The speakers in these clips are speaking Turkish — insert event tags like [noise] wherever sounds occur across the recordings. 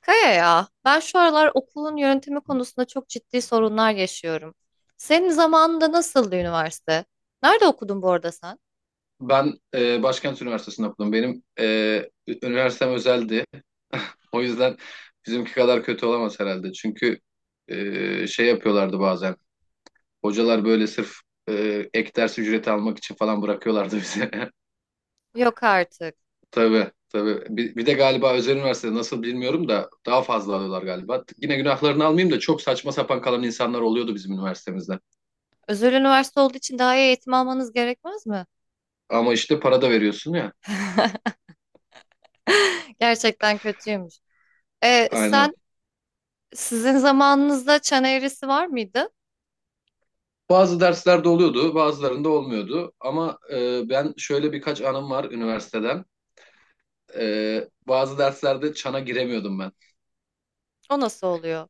Kaya ya, ben şu aralar okulun yönetimi konusunda çok ciddi sorunlar yaşıyorum. Senin zamanında nasıldı üniversite? Nerede okudun bu arada sen? Ben Başkent Üniversitesi'nde okudum. Üniversitem özeldi. [laughs] O yüzden bizimki kadar kötü olamaz herhalde. Çünkü şey yapıyorlardı bazen. Hocalar böyle sırf e, ek ders ücreti almak için falan bırakıyorlardı bize. Yok artık. [laughs] Tabii tabii. Bir de galiba özel üniversitede nasıl bilmiyorum da daha fazla alıyorlar galiba. Yine günahlarını almayayım da çok saçma sapan kalan insanlar oluyordu bizim üniversitemizde. Özel üniversite olduğu için daha iyi eğitim almanız gerekmez mi? Ama işte para da veriyorsun ya. [laughs] Gerçekten kötüymüş. E, Aynen. sen sizin zamanınızda çan eğrisi var mıydı? Bazı derslerde oluyordu, bazılarında olmuyordu. Ama ben şöyle birkaç anım var üniversiteden. Bazı derslerde çana giremiyordum ben. O nasıl oluyor?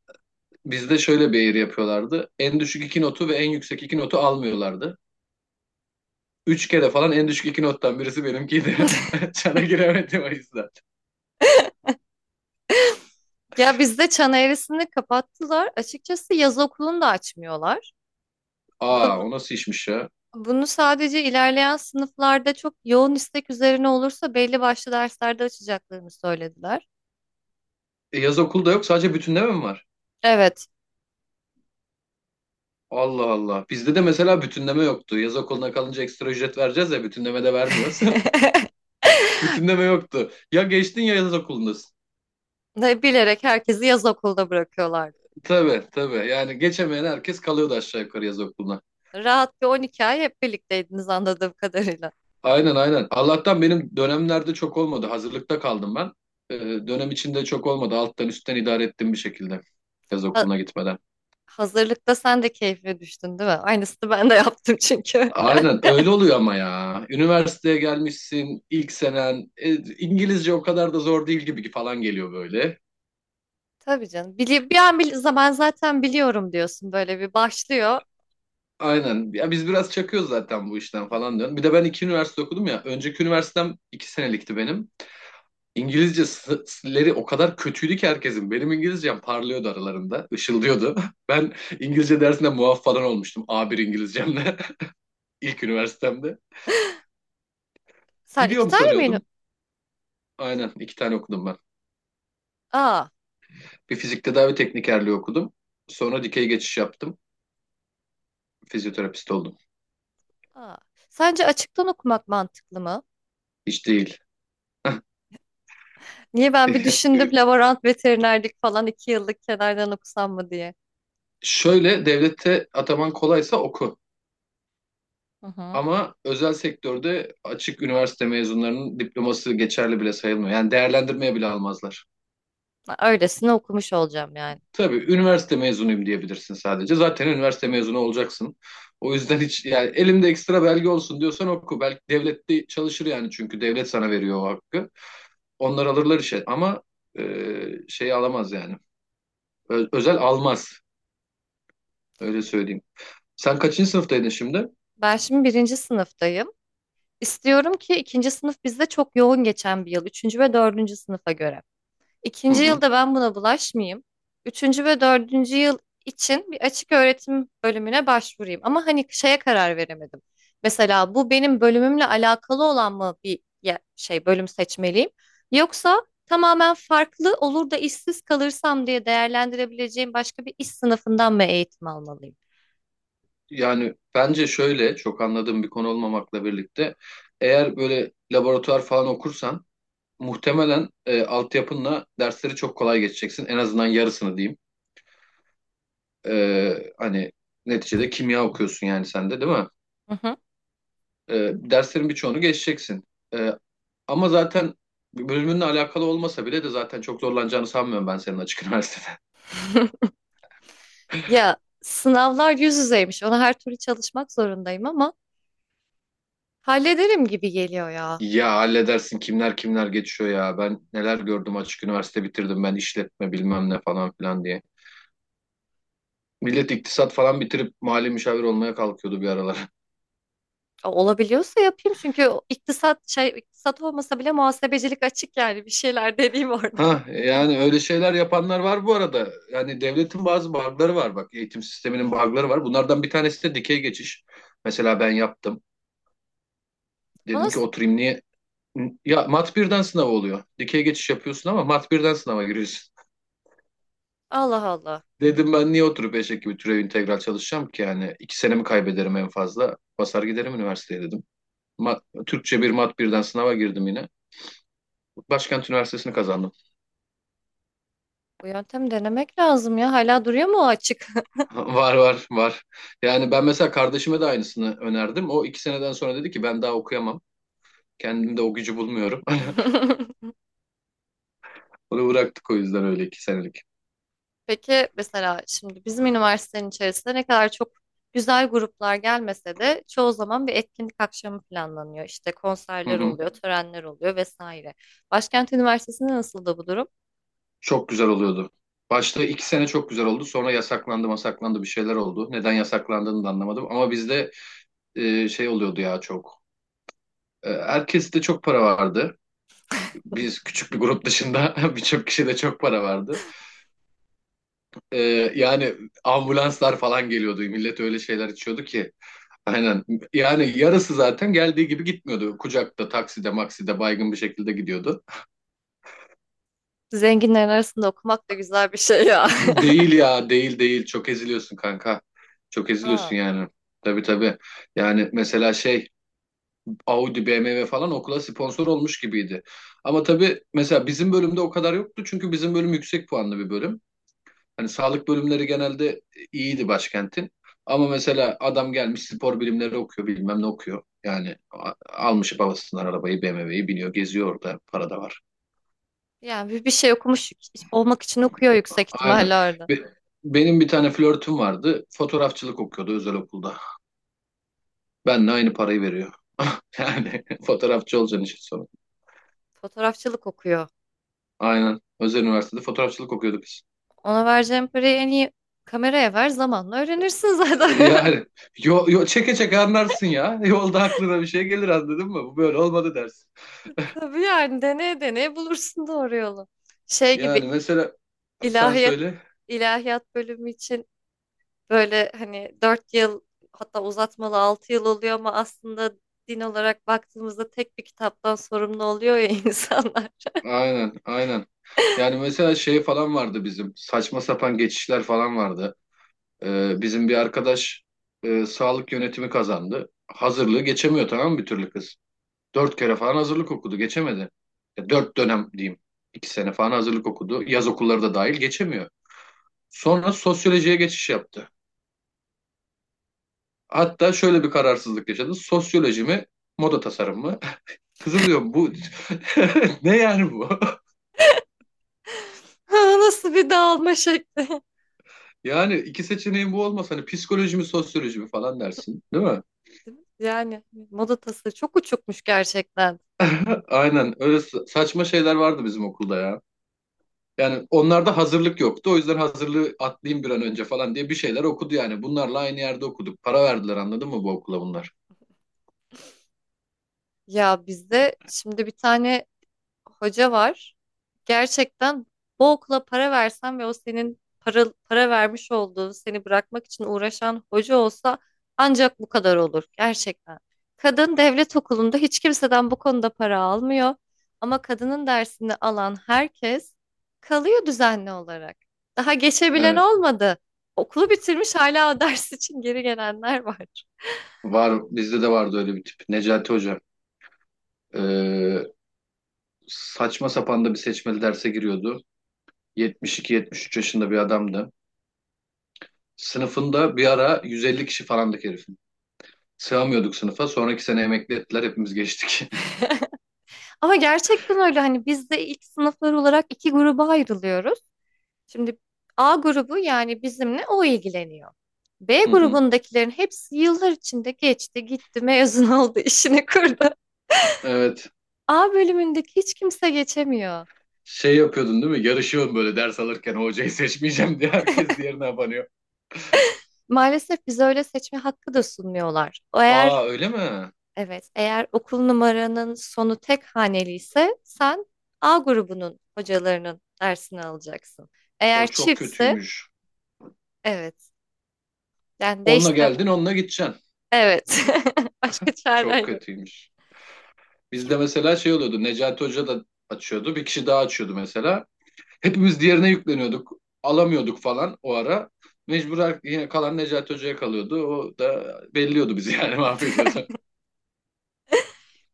Bizde şöyle bir eğri yapıyorlardı. En düşük iki notu ve en yüksek iki notu almıyorlardı. Üç kere falan en düşük iki nottan birisi benimkiydi. [laughs] [laughs] Çana giremedim o yüzden. Ya bizde çan eğrisini kapattılar. Açıkçası yaz okulunu da açmıyorlar. Aa, Bunu o nasıl işmiş ya? Bunu sadece ilerleyen sınıflarda çok yoğun istek üzerine olursa belli başlı derslerde açacaklarını söylediler. Yaz okulda yok, sadece bütünleme mi var? Evet. Allah Allah. Bizde de mesela bütünleme yoktu. Yaz okuluna kalınca ekstra ücret vereceğiz ya, bütünleme de vermiyoruz. [laughs] [laughs] Bütünleme yoktu. Ya geçtin ya yaz okulundasın. Ne bilerek herkesi yaz okulda bırakıyorlardı. Tabii tabii. Yani geçemeyen herkes kalıyordu aşağı yukarı yaz okuluna. Rahat bir 12 ay hep birlikteydiniz anladığım kadarıyla. Aynen aynen. Allah'tan benim dönemlerde çok olmadı. Hazırlıkta kaldım ben. Ee, Dönem içinde çok olmadı. Alttan üstten idare ettim bir şekilde yaz Ha- okuluna gitmeden. Hazırlıkta sen de keyfine düştün değil mi? Aynısını ben de yaptım çünkü. Aynen öyle oluyor ama ya. Üniversiteye gelmişsin ilk senen. İngilizce o kadar da zor değil gibi falan geliyor böyle. [laughs] Tabii canım. Bir an bil zaman zaten biliyorum diyorsun, böyle bir başlıyor. Aynen. Ya biz biraz çakıyoruz zaten bu işten falan diyorum. Bir de ben iki üniversite okudum ya. Önceki üniversitem iki senelikti benim. İngilizceleri o kadar kötüydü ki herkesin. Benim İngilizcem parlıyordu aralarında, ışıldıyordu. [laughs] Ben İngilizce dersinde muaf falan olmuştum A1 İngilizcemle [laughs] ilk üniversitemde. Sen iki Biliyorum tane mi? sanıyordum. Aynen iki tane okudum ben. Aa, Bir fizik tedavi teknikerliği okudum. Sonra dikey geçiş yaptım. Fizyoterapist oldum. aa. Sence açıktan okumak mantıklı mı? Hiç değil. Niye ben bir [laughs] düşündüm, laborant veterinerlik falan iki yıllık kenardan okusam mı diye. Şöyle, devlette ataman kolaysa oku. Hı hı. Ama özel sektörde açık üniversite mezunlarının diploması geçerli bile sayılmıyor. Yani değerlendirmeye bile almazlar. Ben öylesine okumuş olacağım yani. Tabii, üniversite mezunuyum diyebilirsin sadece. Zaten üniversite mezunu olacaksın. O yüzden hiç yani, elimde ekstra belge olsun diyorsan oku. Belki devlette çalışır yani, çünkü devlet sana veriyor o hakkı. Onlar alırlar işe ama e, şey alamaz yani. Özel almaz, öyle söyleyeyim. Sen kaçıncı sınıftaydın şimdi? Ben şimdi birinci sınıftayım. İstiyorum ki ikinci sınıf bizde çok yoğun geçen bir yıl, üçüncü ve dördüncü sınıfa göre. Hı İkinci hı. yılda ben buna bulaşmayayım. Üçüncü ve dördüncü yıl için bir açık öğretim bölümüne başvurayım. Ama hani şeye karar veremedim. Mesela bu benim bölümümle alakalı olan mı bir şey bölüm seçmeliyim? Yoksa tamamen farklı olur da işsiz kalırsam diye değerlendirebileceğim başka bir iş sınıfından mı eğitim almalıyım? Yani bence şöyle, çok anladığım bir konu olmamakla birlikte eğer böyle laboratuvar falan okursan muhtemelen altyapınla dersleri çok kolay geçeceksin. En azından yarısını diyeyim. Hani neticede kimya okuyorsun yani sen de, değil mi? Hı hı. Derslerin birçoğunu geçeceksin. Ee, Ama zaten bölümünle alakalı olmasa bile de zaten çok zorlanacağını sanmıyorum ben senin açık [laughs] üniversitede. Ya sınavlar yüz yüzeymiş. Ona her türlü çalışmak zorundayım ama hallederim gibi geliyor ya. Ya halledersin, kimler kimler geçiyor ya. Ben neler gördüm, açık üniversite bitirdim, ben işletme bilmem ne falan filan diye. Millet iktisat falan bitirip mali müşavir olmaya kalkıyordu bir aralar. Olabiliyorsa yapayım çünkü o iktisat olmasa bile muhasebecilik açık yani bir şeyler [laughs] dediğim orada. Ha yani, öyle şeyler yapanlar var bu arada. Yani devletin bazı bug'ları var bak. Eğitim sisteminin bug'ları var. Bunlardan bir tanesi de dikey geçiş. Mesela ben yaptım. O Dedim ki nasıl- oturayım niye? Ya mat birden sınav oluyor. Dikey geçiş yapıyorsun ama mat birden sınava giriyorsun. [laughs] Allah [laughs] Allah. Dedim ben niye oturup eşek gibi türev integral çalışacağım ki, yani iki senemi kaybederim en fazla. Basar giderim üniversiteye dedim. Türkçe bir mat birden sınava girdim yine. Başkent Üniversitesi'ni kazandım. Bu yöntemi denemek lazım ya. Hala duruyor mu o açık? Var var var. Yani ben mesela kardeşime de aynısını önerdim. O iki seneden sonra dedi ki ben daha okuyamam. Kendimde o gücü bulmuyorum. [laughs] [laughs] Onu bıraktık o yüzden, öyle iki senelik. Peki mesela şimdi bizim üniversitenin içerisinde ne kadar çok güzel gruplar gelmese de çoğu zaman bir etkinlik akşamı planlanıyor. İşte Hı konserler hı. oluyor, törenler oluyor vesaire. Başkent Üniversitesi'nde nasıl da bu durum? Çok güzel oluyordu. Başta iki sene çok güzel oldu. Sonra yasaklandı masaklandı, bir şeyler oldu. Neden yasaklandığını da anlamadım. Ama bizde şey oluyordu ya çok. Herkes de çok para vardı. Biz küçük bir grup dışında [laughs] birçok kişi de çok para vardı. E, Yani ambulanslar falan geliyordu. Millet öyle şeyler içiyordu ki. Aynen. Yani yarısı zaten geldiği gibi gitmiyordu. Kucakta, takside, makside baygın bir şekilde gidiyordu. Zenginlerin arasında okumak da güzel bir şey ya. Değil ya, değil değil. Çok eziliyorsun kanka. Çok [laughs] eziliyorsun Aa. yani. Tabii tabii. Yani mesela şey, Audi, BMW falan okula sponsor olmuş gibiydi. Ama tabii mesela bizim bölümde o kadar yoktu. Çünkü bizim bölüm yüksek puanlı bir bölüm. Hani sağlık bölümleri genelde iyiydi başkentin. Ama mesela adam gelmiş spor bilimleri okuyor, bilmem ne okuyor. Yani almış babasından arabayı, BMW'yi biniyor geziyor orada, para da var. Yani bir şey okumuş olmak için okuyor yüksek Aynen. ihtimalle orada. Be- Benim bir tane flörtüm vardı. Fotoğrafçılık okuyordu özel okulda. Benle aynı parayı veriyor. [laughs] Yani fotoğrafçı olacaksın işin sonu. Fotoğrafçılık okuyor. Aynen. Özel üniversitede fotoğrafçılık okuyorduk biz. Ona vereceğin parayı en iyi kameraya ver, zamanla öğrenirsin E, zaten. Yani [laughs] çeke çeke anlarsın ya. Yolda aklına bir şey gelir, anladın mı? Bu böyle olmadı dersin. Tabii yani deneye deneye bulursun doğru yolu. Şey gibi Yani mesela sen ilahiyat söyle. ilahiyat bölümü için böyle hani 4 yıl, hatta uzatmalı 6 yıl oluyor ama aslında din olarak baktığımızda tek bir kitaptan sorumlu oluyor ya [laughs] insanlar. Aynen, aynen. Yani mesela şey falan vardı bizim. Saçma sapan geçişler falan vardı. Bizim bir arkadaş sağlık yönetimi kazandı. Hazırlığı geçemiyor, tamam mı, bir türlü kız. Dört kere falan hazırlık okudu, geçemedi. Ya, dört dönem diyeyim. İki sene falan hazırlık okudu. Yaz okulları da dahil geçemiyor. Sonra sosyolojiye geçiş yaptı. Hatta şöyle bir kararsızlık yaşadı: sosyoloji mi, moda tasarım mı? [laughs] Kızım diyor, bu [laughs] ne yani bu? Ha, nasıl bir dağılma şekli. [laughs] Yani iki seçeneğin bu olmasa hani psikoloji mi sosyoloji mi falan dersin, değil mi? Yani moda tasarı çok uçukmuş gerçekten. [laughs] Aynen öyle, saçma şeyler vardı bizim okulda ya. Yani onlarda hazırlık yoktu. O yüzden hazırlığı atlayayım bir an önce falan diye bir şeyler okudu yani. Bunlarla aynı yerde okuduk. Para verdiler, anladın mı, bu okula bunlar? Ya bizde şimdi bir tane hoca var. Gerçekten bu okula para versen ve o senin para vermiş olduğu, seni bırakmak için uğraşan hoca olsa, ancak bu kadar olur gerçekten. Kadın devlet okulunda hiç kimseden bu konuda para almıyor. Ama kadının dersini alan herkes kalıyor düzenli olarak. Daha geçebilen Evet. olmadı. Okulu bitirmiş hala [laughs] o ders için geri gelenler var. Var, bizde de vardı öyle bir tip. Necati Hoca. Ee, Saçma sapan da bir seçmeli derse giriyordu. 72-73 yaşında bir adamdı. Sınıfında bir ara 150 kişi falandık herif. Sığamıyorduk sınıfa. Sonraki sene emekli ettiler. Hepimiz geçtik. Ama gerçekten öyle, hani biz de ilk sınıflar olarak iki gruba ayrılıyoruz. Şimdi A grubu, yani bizimle o ilgileniyor. B [laughs] Hı hı. grubundakilerin hepsi yıllar içinde geçti, gitti, mezun oldu, [laughs] işini kurdu. Evet. A bölümündeki hiç kimse geçemiyor. Şey yapıyordun değil mi? Yarışıyorsun böyle ders alırken, "O hocayı seçmeyeceğim" diye herkes diğerine abanıyor. Maalesef bize öyle seçme hakkı da sunmuyorlar. Eğer Aa öyle mi? evet, eğer okul numaranın sonu tek haneli ise sen A grubunun hocalarının dersini alacaksın. Eğer O çok çiftse, kötüymüş. evet, yani Onunla geldin, değiştiremezsin. onunla gideceksin. Evet. [laughs] Başka Çok çaren yok. kötüymüş. Bizde Kim? mesela şey oluyordu. Necati Hoca da açıyordu. Bir kişi daha açıyordu mesela. Hepimiz diğerine yükleniyorduk. Alamıyorduk falan o ara. Mecbur yine kalan Necati Hoca'ya kalıyordu. O da belliyordu bizi yani, [laughs] mahvediyordu. [laughs]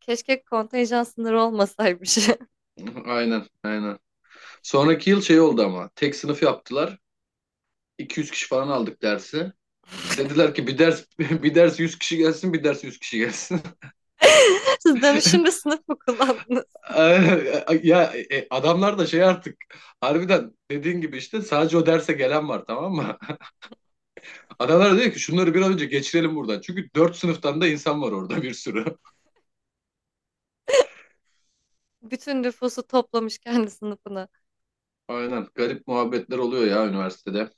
Keşke kontenjan sınırı olmasaymış. [laughs] Aynen, aynen. Sonraki yıl şey oldu ama, tek sınıf yaptılar. 200 kişi falan aldık dersi. Dediler ki bir ders [laughs] bir ders 100 kişi gelsin, bir ders 100 kişi gelsin. [laughs] Siz dönüşümde sınıf mı kullandınız? [laughs] Ya, adamlar da şey artık, harbiden dediğin gibi işte, sadece o derse gelen var, tamam mı? [laughs] Adamlar diyor ki, şunları bir an önce geçirelim buradan. Çünkü 4 sınıftan da insan var orada, bir sürü. [laughs] Bütün nüfusu toplamış kendi sınıfına. Aynen, garip muhabbetler oluyor ya üniversitede.